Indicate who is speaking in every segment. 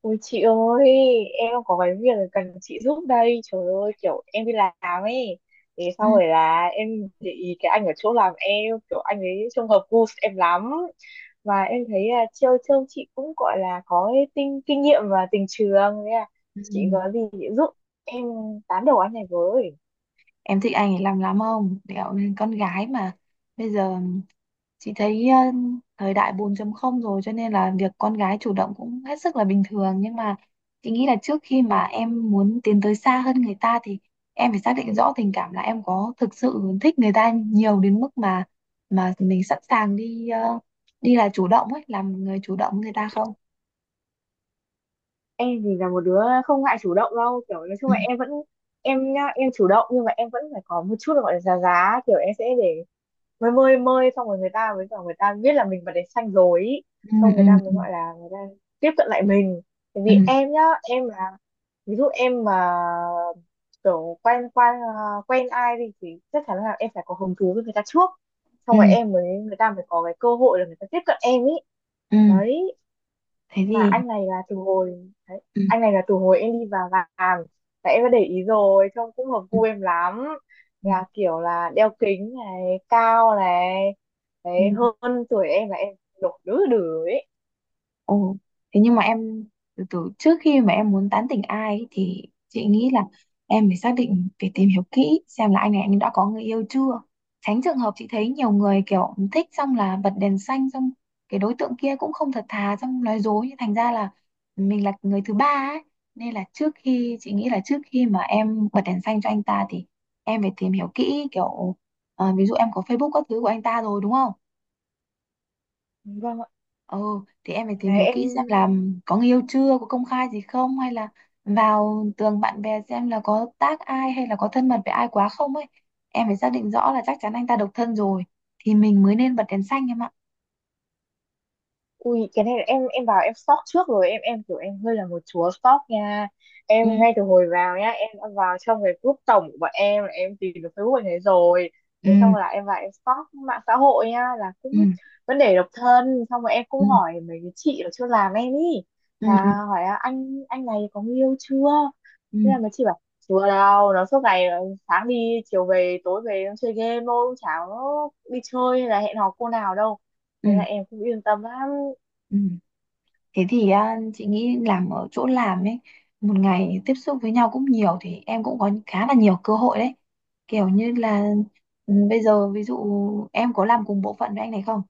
Speaker 1: Ôi chị ơi, em có cái việc cần chị giúp đây. Trời ơi, kiểu em đi làm ấy. Thế sau
Speaker 2: Ừ,
Speaker 1: rồi là em để ý cái anh ở chỗ làm em, kiểu anh ấy trông hợp gu em lắm. Và em thấy là trêu trêu chị cũng gọi là có cái kinh nghiệm và tình trường. Thế là
Speaker 2: ừ, ừ.
Speaker 1: chị có gì chị giúp em tán đầu anh này với.
Speaker 2: Em thích anh ấy làm lắm không? Kiểu nên con gái mà bây giờ chị thấy thời đại 4 không rồi, cho nên là việc con gái chủ động cũng hết sức là bình thường. Nhưng mà chị nghĩ là trước khi mà em muốn tiến tới xa hơn người ta thì em phải xác định rõ tình cảm, là em có thực sự thích người ta nhiều đến mức mà mình sẵn sàng đi, là chủ động ấy, làm người chủ động với người ta không?
Speaker 1: Em thì là một đứa không ngại chủ động đâu. Kiểu nói chung là em vẫn, em nhá, em chủ động nhưng mà em vẫn phải có một chút là gọi là giá giá. Kiểu em sẽ để mới mơi mơi xong rồi người ta biết là mình bật đèn xanh rồi ý.
Speaker 2: Ừ,
Speaker 1: Xong người
Speaker 2: ừ,
Speaker 1: ta mới
Speaker 2: ừ,
Speaker 1: gọi là người ta tiếp cận lại mình, tại
Speaker 2: ừ,
Speaker 1: vì em nhá, em là ví dụ em mà kiểu quen quen ờ, quen ai đi thì chắc chắn là em phải có hứng thú với người ta trước,
Speaker 2: ừ,
Speaker 1: xong rồi
Speaker 2: ừ,
Speaker 1: em mới người ta mới có cái cơ hội là người ta tiếp cận em ý.
Speaker 2: ừ.
Speaker 1: Đấy,
Speaker 2: Thế
Speaker 1: mà
Speaker 2: thì.
Speaker 1: anh này là từ hồi đấy,
Speaker 2: Ừ,
Speaker 1: anh này là từ hồi em đi vào làm, tại em đã để ý rồi trông cũng hợp gu em lắm,
Speaker 2: ừ,
Speaker 1: là kiểu là đeo kính này, cao này, đấy,
Speaker 2: ừ.
Speaker 1: hơn tuổi em, là em đổ đứa đứa ấy.
Speaker 2: Ồ, thế nhưng mà em, từ từ trước khi mà em muốn tán tỉnh ai ấy, thì chị nghĩ là em phải xác định, phải tìm hiểu kỹ xem là anh này anh đã có người yêu chưa. Tránh trường hợp chị thấy nhiều người kiểu thích xong là bật đèn xanh, xong cái đối tượng kia cũng không thật thà, xong nói dối, nhưng thành ra là mình là người thứ ba ấy. Nên là trước khi, chị nghĩ là trước khi mà em bật đèn xanh cho anh ta thì em phải tìm hiểu kỹ kiểu, à, ví dụ em có Facebook các thứ của anh ta rồi, đúng không?
Speaker 1: Vâng ạ.
Speaker 2: Ừ, thì em phải tìm
Speaker 1: Đấy
Speaker 2: hiểu
Speaker 1: em.
Speaker 2: kỹ xem là có người yêu chưa, có công khai gì không, hay là vào tường bạn bè xem là có tác ai, hay là có thân mật với ai quá không ấy. Em phải xác định rõ là chắc chắn anh ta độc thân rồi thì mình mới nên bật đèn xanh em ạ.
Speaker 1: Ui cái này là em vào em stalk trước rồi, em kiểu em hơi là một chúa stalk nha.
Speaker 2: Ừ,
Speaker 1: Em ngay từ hồi vào nhá, em đã vào trong cái group tổng của bọn em, là em tìm được Facebook bạn ấy rồi. Thế
Speaker 2: ừ,
Speaker 1: xong là em vào em stalk mạng xã hội nha, là cũng
Speaker 2: ừ,
Speaker 1: vấn đề độc thân. Xong rồi em
Speaker 2: ừ,
Speaker 1: cũng hỏi mấy cái chị ở chưa làm em ý,
Speaker 2: ừ, ừ,
Speaker 1: là hỏi là anh này có người yêu chưa.
Speaker 2: ừ,
Speaker 1: Thế là mấy chị bảo chưa đâu, nó suốt ngày sáng đi chiều về, tối về nó chơi game thôi, cũng chả có đi chơi hay là hẹn hò cô nào đâu.
Speaker 2: ừ.
Speaker 1: Thế là em cũng yên tâm lắm.
Speaker 2: Ừ. Thế thì à, chị nghĩ làm ở chỗ làm ấy, một ngày tiếp xúc với nhau cũng nhiều thì em cũng có khá là nhiều cơ hội đấy. Kiểu như là, ừ, bây giờ ví dụ em có làm cùng bộ phận với anh này không?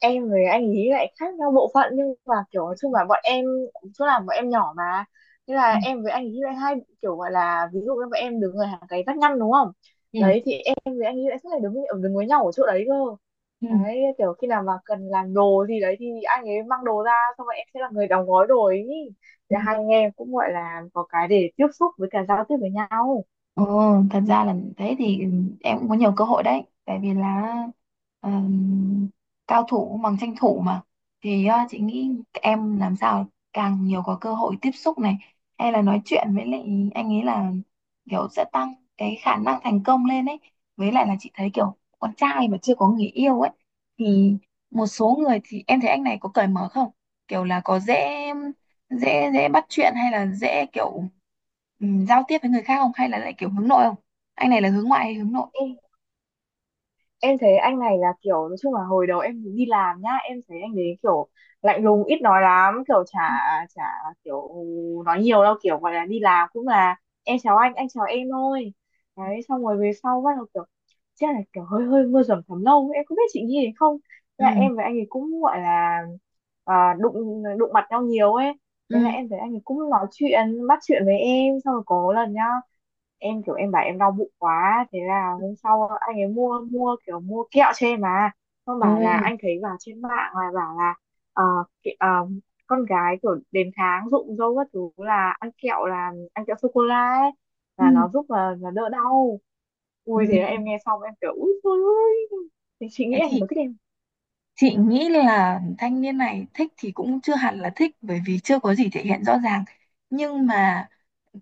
Speaker 1: Em với anh ý lại khác nhau bộ phận, nhưng mà kiểu nói chung là bọn em, chỗ làm bọn em nhỏ mà. Thế là em với anh ý lại hai, kiểu gọi là ví dụ như bọn em đứng ở hàng cái vách ngăn đúng không,
Speaker 2: Ừ.
Speaker 1: đấy thì em với anh ý lại suốt ngày đứng với nhau ở chỗ đấy cơ.
Speaker 2: Ừ.
Speaker 1: Đấy, kiểu khi nào mà cần làm đồ gì đấy thì anh ấy mang đồ ra, xong rồi em sẽ là người đóng gói đồ ấy,
Speaker 2: Ừ.
Speaker 1: thì hai anh em cũng gọi là có cái để tiếp xúc với cả giao tiếp với nhau.
Speaker 2: Ừ, thật ra là, thế thì, ừ, em cũng có nhiều cơ hội đấy, tại vì là ờm, cao thủ bằng tranh thủ mà. Thì chị nghĩ em làm sao càng nhiều có cơ hội tiếp xúc này, hay là nói chuyện với lại anh ấy, là kiểu sẽ tăng cái khả năng thành công lên ấy. Với lại là chị thấy kiểu con trai mà chưa có người yêu ấy thì, một số người thì em thấy anh này có cởi mở không, kiểu là có dễ dễ dễ bắt chuyện, hay là dễ kiểu, ừ, giao tiếp với người khác không, hay là lại kiểu hướng nội không? Anh này là hướng ngoại hay hướng nội?
Speaker 1: Em thấy anh này là kiểu nói chung là hồi đầu em đi làm nhá, em thấy anh đấy kiểu lạnh lùng ít nói lắm, kiểu chả
Speaker 2: Ừ,
Speaker 1: chả kiểu nói nhiều đâu, kiểu gọi là đi làm cũng là em chào anh chào em thôi. Đấy xong rồi về sau bắt đầu kiểu, chắc là kiểu hơi hơi mưa dầm thấm lâu, em không biết chị nghĩ thế không. Thế là
Speaker 2: ừ,
Speaker 1: em với anh ấy cũng gọi là, đụng đụng mặt nhau nhiều ấy. Thế là
Speaker 2: ừ,
Speaker 1: em thấy anh ấy cũng nói chuyện bắt chuyện với em, xong rồi có lần nhá, em kiểu em bảo em đau bụng quá, thế là hôm sau anh ấy mua mua kiểu mua kẹo cho em mà, xong
Speaker 2: ồ,
Speaker 1: bảo là anh thấy vào trên mạng là bảo là, ờ, kẹ- ờ, con gái kiểu đến tháng rụng râu các thứ là ăn kẹo, là ăn kẹo sô cô la ấy,
Speaker 2: ừ.
Speaker 1: là nó giúp là đỡ đau.
Speaker 2: Ừ.
Speaker 1: Ui thế là em nghe xong em kiểu ui trời ơi, chị nghĩ
Speaker 2: Thế
Speaker 1: anh
Speaker 2: thì
Speaker 1: có thích em.
Speaker 2: chị nghĩ là thanh niên này thích thì cũng chưa hẳn là thích, bởi vì chưa có gì thể hiện rõ ràng. Nhưng mà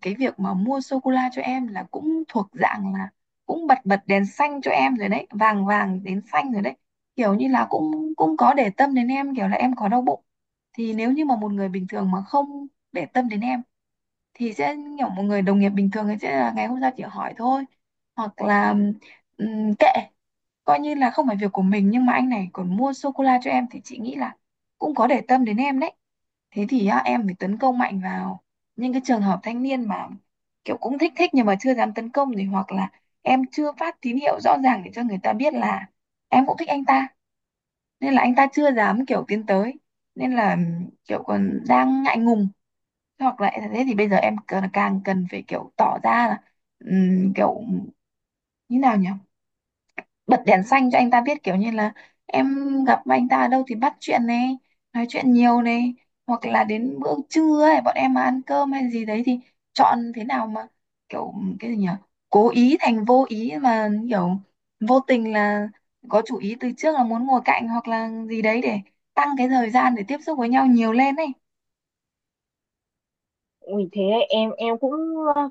Speaker 2: cái việc mà mua sô cô la cho em là cũng thuộc dạng là cũng bật bật đèn xanh cho em rồi đấy, vàng vàng đến xanh rồi đấy. Kiểu như là cũng cũng có để tâm đến em, kiểu là em có đau bụng, thì nếu như mà một người bình thường mà không để tâm đến em thì sẽ kiểu một người đồng nghiệp bình thường ấy, sẽ là ngày hôm sau chỉ hỏi thôi, hoặc là kệ, coi như là không phải việc của mình. Nhưng mà anh này còn mua sô cô la cho em thì chị nghĩ là cũng có để tâm đến em đấy. Thế thì á, em phải tấn công mạnh vào những cái trường hợp thanh niên mà kiểu cũng thích thích nhưng mà chưa dám tấn công, thì hoặc là em chưa phát tín hiệu rõ ràng để cho người ta biết là em cũng thích anh ta, nên là anh ta chưa dám kiểu tiến tới, nên là kiểu còn đang ngại ngùng. Hoặc là thế thì bây giờ em cần, càng cần phải kiểu tỏ ra là kiểu như nào nhỉ, bật đèn xanh cho anh ta biết, kiểu như là em gặp anh ta ở đâu thì bắt chuyện này, nói chuyện nhiều này, hoặc là đến bữa trưa ấy bọn em mà ăn cơm hay gì đấy thì chọn thế nào mà kiểu, cái gì nhỉ, cố ý thành vô ý mà kiểu, vô tình là có chủ ý từ trước, là muốn ngồi cạnh hoặc là gì đấy để tăng cái thời gian để tiếp xúc với nhau nhiều lên ấy.
Speaker 1: Ui thế đấy, em cũng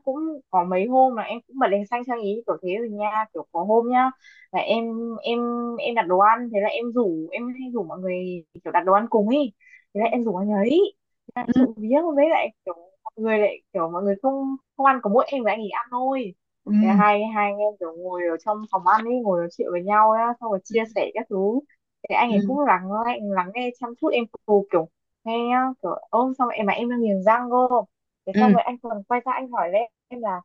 Speaker 1: cũng có mấy hôm là em cũng bật đèn xanh sang ý kiểu thế rồi nha, kiểu có hôm nhá, là em em đặt đồ ăn, thế là em rủ em hay rủ mọi người kiểu đặt đồ ăn cùng ý, thế
Speaker 2: Ừ,
Speaker 1: là em rủ anh ấy. Thế là trộm vía với lại kiểu mọi người lại kiểu mọi người không không ăn, có mỗi em và anh ấy ăn thôi.
Speaker 2: ừ,
Speaker 1: Thế là hai hai anh em kiểu ngồi ở trong phòng ăn ấy, ngồi nói chuyện với nhau á, xong rồi
Speaker 2: ừ,
Speaker 1: chia sẻ các thứ. Thế anh ấy
Speaker 2: ừ,
Speaker 1: cũng lắng lắng lắng nghe chăm chút em cầu kiểu nghe nhá, kiểu ôm xong em mà em đang nghiền răng cơ. Thế
Speaker 2: ừ,
Speaker 1: xong rồi anh còn quay ra anh hỏi lên em là,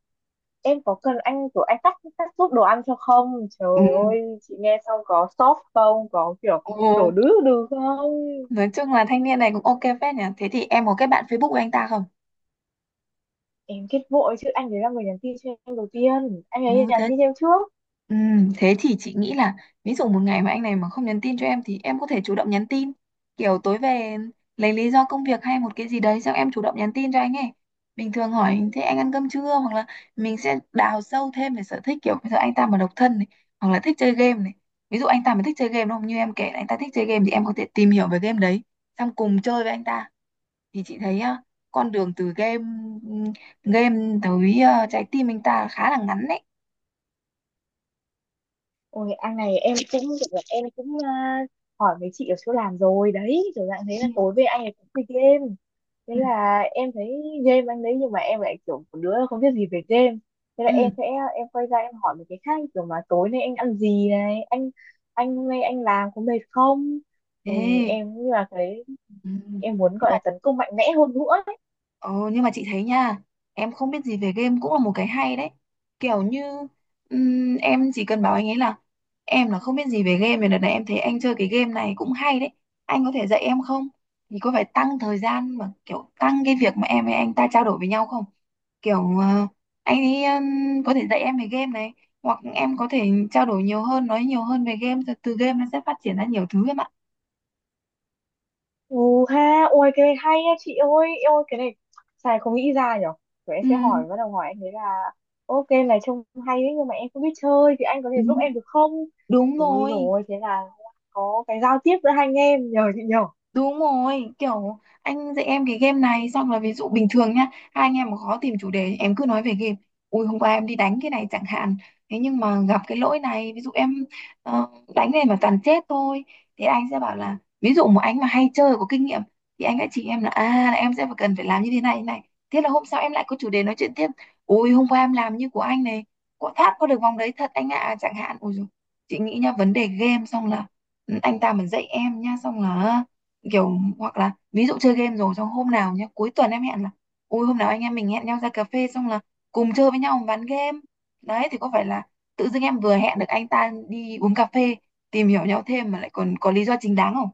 Speaker 1: em có cần anh kiểu anh cắt cắt giúp đồ ăn cho không.
Speaker 2: ừ,
Speaker 1: Trời ơi chị nghe xong có sốt không, có kiểu đổ
Speaker 2: ừ.
Speaker 1: đứ đừ không.
Speaker 2: Nói chung là thanh niên này cũng ok phết nhỉ. Thế thì em có kết bạn Facebook của anh ta không?
Speaker 1: Em kết vội chứ, anh ấy là người nhắn tin cho em đầu tiên, anh
Speaker 2: Ừ,
Speaker 1: ấy nhắn
Speaker 2: thế,
Speaker 1: tin cho em trước.
Speaker 2: ừ, thế thì chị nghĩ là ví dụ một ngày mà anh này mà không nhắn tin cho em thì em có thể chủ động nhắn tin. Kiểu tối về lấy lý do công việc hay một cái gì đấy xong em chủ động nhắn tin cho anh ấy. Bình thường hỏi thế anh ăn cơm chưa, hoặc là mình sẽ đào sâu thêm về sở thích, kiểu bây giờ anh ta mà độc thân này, hoặc là thích chơi game này. Ví dụ anh ta mà thích chơi game đúng không? Như em kể là anh ta thích chơi game thì em có thể tìm hiểu về game đấy xong cùng chơi với anh ta, thì chị thấy á, con đường từ game game tới trái tim anh ta khá là ngắn đấy.
Speaker 1: Ôi anh này em cũng, em cũng à, hỏi mấy chị ở chỗ làm rồi đấy, kiểu dạng thế,
Speaker 2: Ừ.
Speaker 1: là tối về anh ấy cũng chơi game. Thế
Speaker 2: Ừ.
Speaker 1: là em thấy game anh đấy, nhưng mà em lại kiểu một đứa không biết gì về game. Thế là
Speaker 2: Ừ,
Speaker 1: em sẽ, em quay ra em hỏi mấy cái khác kiểu mà tối nay anh ăn gì này, anh hôm nay anh làm có mệt không. Ui
Speaker 2: thế,
Speaker 1: em như là cái
Speaker 2: ừ.
Speaker 1: em muốn gọi là tấn công mạnh mẽ hơn nữa.
Speaker 2: Ờ, nhưng mà chị thấy nha, em không biết gì về game cũng là một cái hay đấy. Kiểu như em chỉ cần bảo anh ấy là em là không biết gì về game, thì đợt này em thấy anh chơi cái game này cũng hay đấy. Anh có thể dạy em không? Thì có phải tăng thời gian mà kiểu tăng cái việc mà em với anh ta trao đổi với nhau không? Kiểu anh ấy có thể dạy em về game này, hoặc em có thể trao đổi nhiều hơn, nói nhiều hơn về game, rồi từ game nó sẽ phát triển ra nhiều thứ em ạ.
Speaker 1: Ừ ha, ôi cái này hay nha chị ơi, em ơi cái này xài không nghĩ ra nhở. Rồi em
Speaker 2: Ừ.
Speaker 1: sẽ hỏi, bắt đầu hỏi anh ấy là, ok này trông hay đấy nhưng mà em không biết chơi, thì anh có thể
Speaker 2: Ừ.
Speaker 1: giúp em được không?
Speaker 2: Đúng
Speaker 1: Ui
Speaker 2: rồi.
Speaker 1: rồi thế là có cái giao tiếp giữa hai anh em nhờ chị nhờ.
Speaker 2: Đúng rồi, kiểu anh dạy em cái game này xong là, ví dụ bình thường nhá, hai anh em mà khó tìm chủ đề, em cứ nói về game. Ui hôm qua em đi đánh cái này chẳng hạn. Thế nhưng mà gặp cái lỗi này, ví dụ em ờ, đánh này mà toàn chết thôi, thì anh sẽ bảo là ví dụ một anh mà hay chơi có kinh nghiệm thì anh sẽ chỉ em là, à là em sẽ phải, cần phải làm như thế này thế này. Thế là hôm sau em lại có chủ đề nói chuyện tiếp. Ui hôm qua em làm như của anh này, có thoát qua được vòng đấy thật anh ạ, chẳng hạn. Ui dồi, chị nghĩ nhá, vấn đề game xong là, ừ, anh ta mà dạy em nhá xong là kiểu, hoặc là ví dụ chơi game rồi xong hôm nào nhá cuối tuần em hẹn là, ui hôm nào anh em mình hẹn nhau ra cà phê xong là cùng chơi với nhau ván game, đấy thì có phải là tự dưng em vừa hẹn được anh ta đi uống cà phê, tìm hiểu nhau thêm mà lại còn có lý do chính đáng không?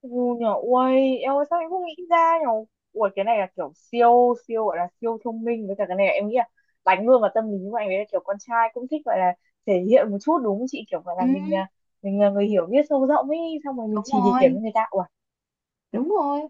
Speaker 1: Ừ nhờ, ui em ơi sao em không nghĩ ra nhở. Ui cái này là kiểu siêu, siêu gọi là siêu thông minh, với cả cái này là em nghĩ là đánh luôn vào tâm lý của anh ấy, là kiểu con trai cũng thích gọi là thể hiện một chút đúng không chị? Kiểu gọi
Speaker 2: Ừ,
Speaker 1: là mình là người hiểu biết sâu rộng ấy, xong rồi mình
Speaker 2: đúng
Speaker 1: chỉ
Speaker 2: rồi,
Speaker 1: điểm cho người ta. Ui,
Speaker 2: đúng rồi.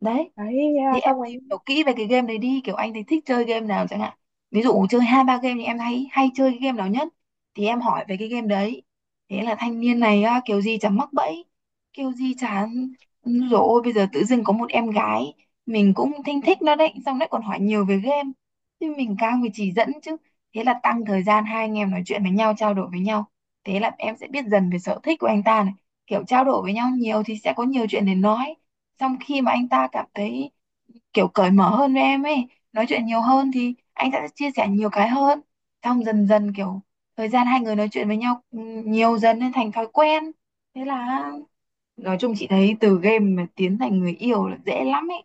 Speaker 2: Đấy,
Speaker 1: đấy thế
Speaker 2: thì
Speaker 1: là
Speaker 2: em
Speaker 1: xong
Speaker 2: tìm
Speaker 1: anh.
Speaker 2: hiểu kỹ về cái game đấy đi, kiểu anh thì thích chơi game nào chẳng hạn, ví dụ chơi hai ba game thì em thấy hay chơi cái game nào nhất, thì em hỏi về cái game đấy. Thế là thanh niên này á, kiểu gì chẳng mắc bẫy, kiểu gì chán rồi, ôi bây giờ tự dưng có một em gái mình cũng thinh thích nó đấy, xong lại còn hỏi nhiều về game, thì mình càng phải chỉ dẫn chứ. Thế là tăng thời gian hai anh em nói chuyện với nhau, trao đổi với nhau, thế là em sẽ biết dần về sở thích của anh ta này, kiểu trao đổi với nhau nhiều thì sẽ có nhiều chuyện để nói. Xong khi mà anh ta cảm thấy kiểu cởi mở hơn với em ấy, nói chuyện nhiều hơn thì anh sẽ chia sẻ nhiều cái hơn, xong dần dần kiểu, thời gian hai người nói chuyện với nhau nhiều dần nên thành thói quen. Thế là nói chung chị thấy từ game mà tiến thành người yêu là dễ lắm ấy.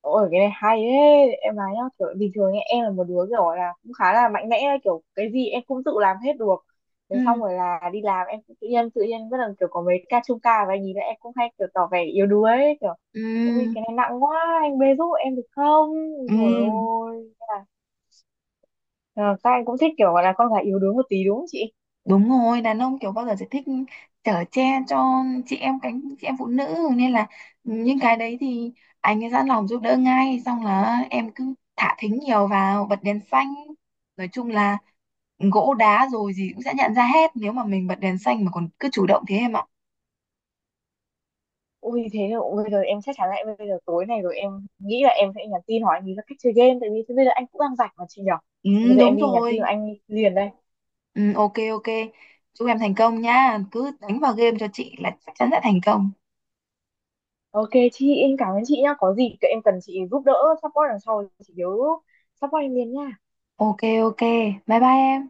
Speaker 1: Ôi cái này hay đấy em nói nhá, kiểu bình thường ấy, em là một đứa kiểu là cũng khá là mạnh mẽ ấy, kiểu cái gì em cũng tự làm hết được. Thế xong
Speaker 2: Ừ.
Speaker 1: rồi là đi làm em cũng tự nhiên bắt đầu kiểu có mấy ca chung ca và nhìn lại, em cũng hay kiểu tỏ vẻ yếu đuối ấy, kiểu ôi
Speaker 2: Ừ.
Speaker 1: cái này nặng quá anh bê giúp em được không. Rồi
Speaker 2: Ừ.
Speaker 1: ôi thế là, ờ, các anh cũng thích kiểu gọi là con gái yếu đuối một tí đúng không chị.
Speaker 2: Đúng rồi, đàn ông kiểu bao giờ sẽ thích chở che cho chị em, cánh chị em phụ nữ, nên là những cái đấy thì anh ấy sẵn lòng giúp đỡ ngay, xong là em cứ thả thính nhiều vào, bật đèn xanh, nói chung là gỗ đá rồi gì cũng sẽ nhận ra hết, nếu mà mình bật đèn xanh mà còn cứ chủ động thế em ạ.
Speaker 1: Ui thế là ui, bây giờ em chắc chắn lại, bây giờ tối này rồi em nghĩ là em sẽ nhắn tin hỏi anh ý là cách chơi game, tại vì thế bây giờ anh cũng đang rảnh mà chị nhở.
Speaker 2: Ừ,
Speaker 1: Thì bây giờ em
Speaker 2: đúng
Speaker 1: đi nhắn tin là
Speaker 2: rồi.
Speaker 1: anh liền đây.
Speaker 2: Ừ, ok, ok. Chúc em thành công nha, cứ đánh vào game cho chị là chắc chắn sẽ thành công.
Speaker 1: Ok chị, em cảm ơn chị nhá, có gì em cần chị giúp đỡ support đằng sau thì chị nhớ support em liền nha.
Speaker 2: Ok. Ok. Bye bye em.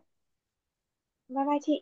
Speaker 1: Bye bye chị.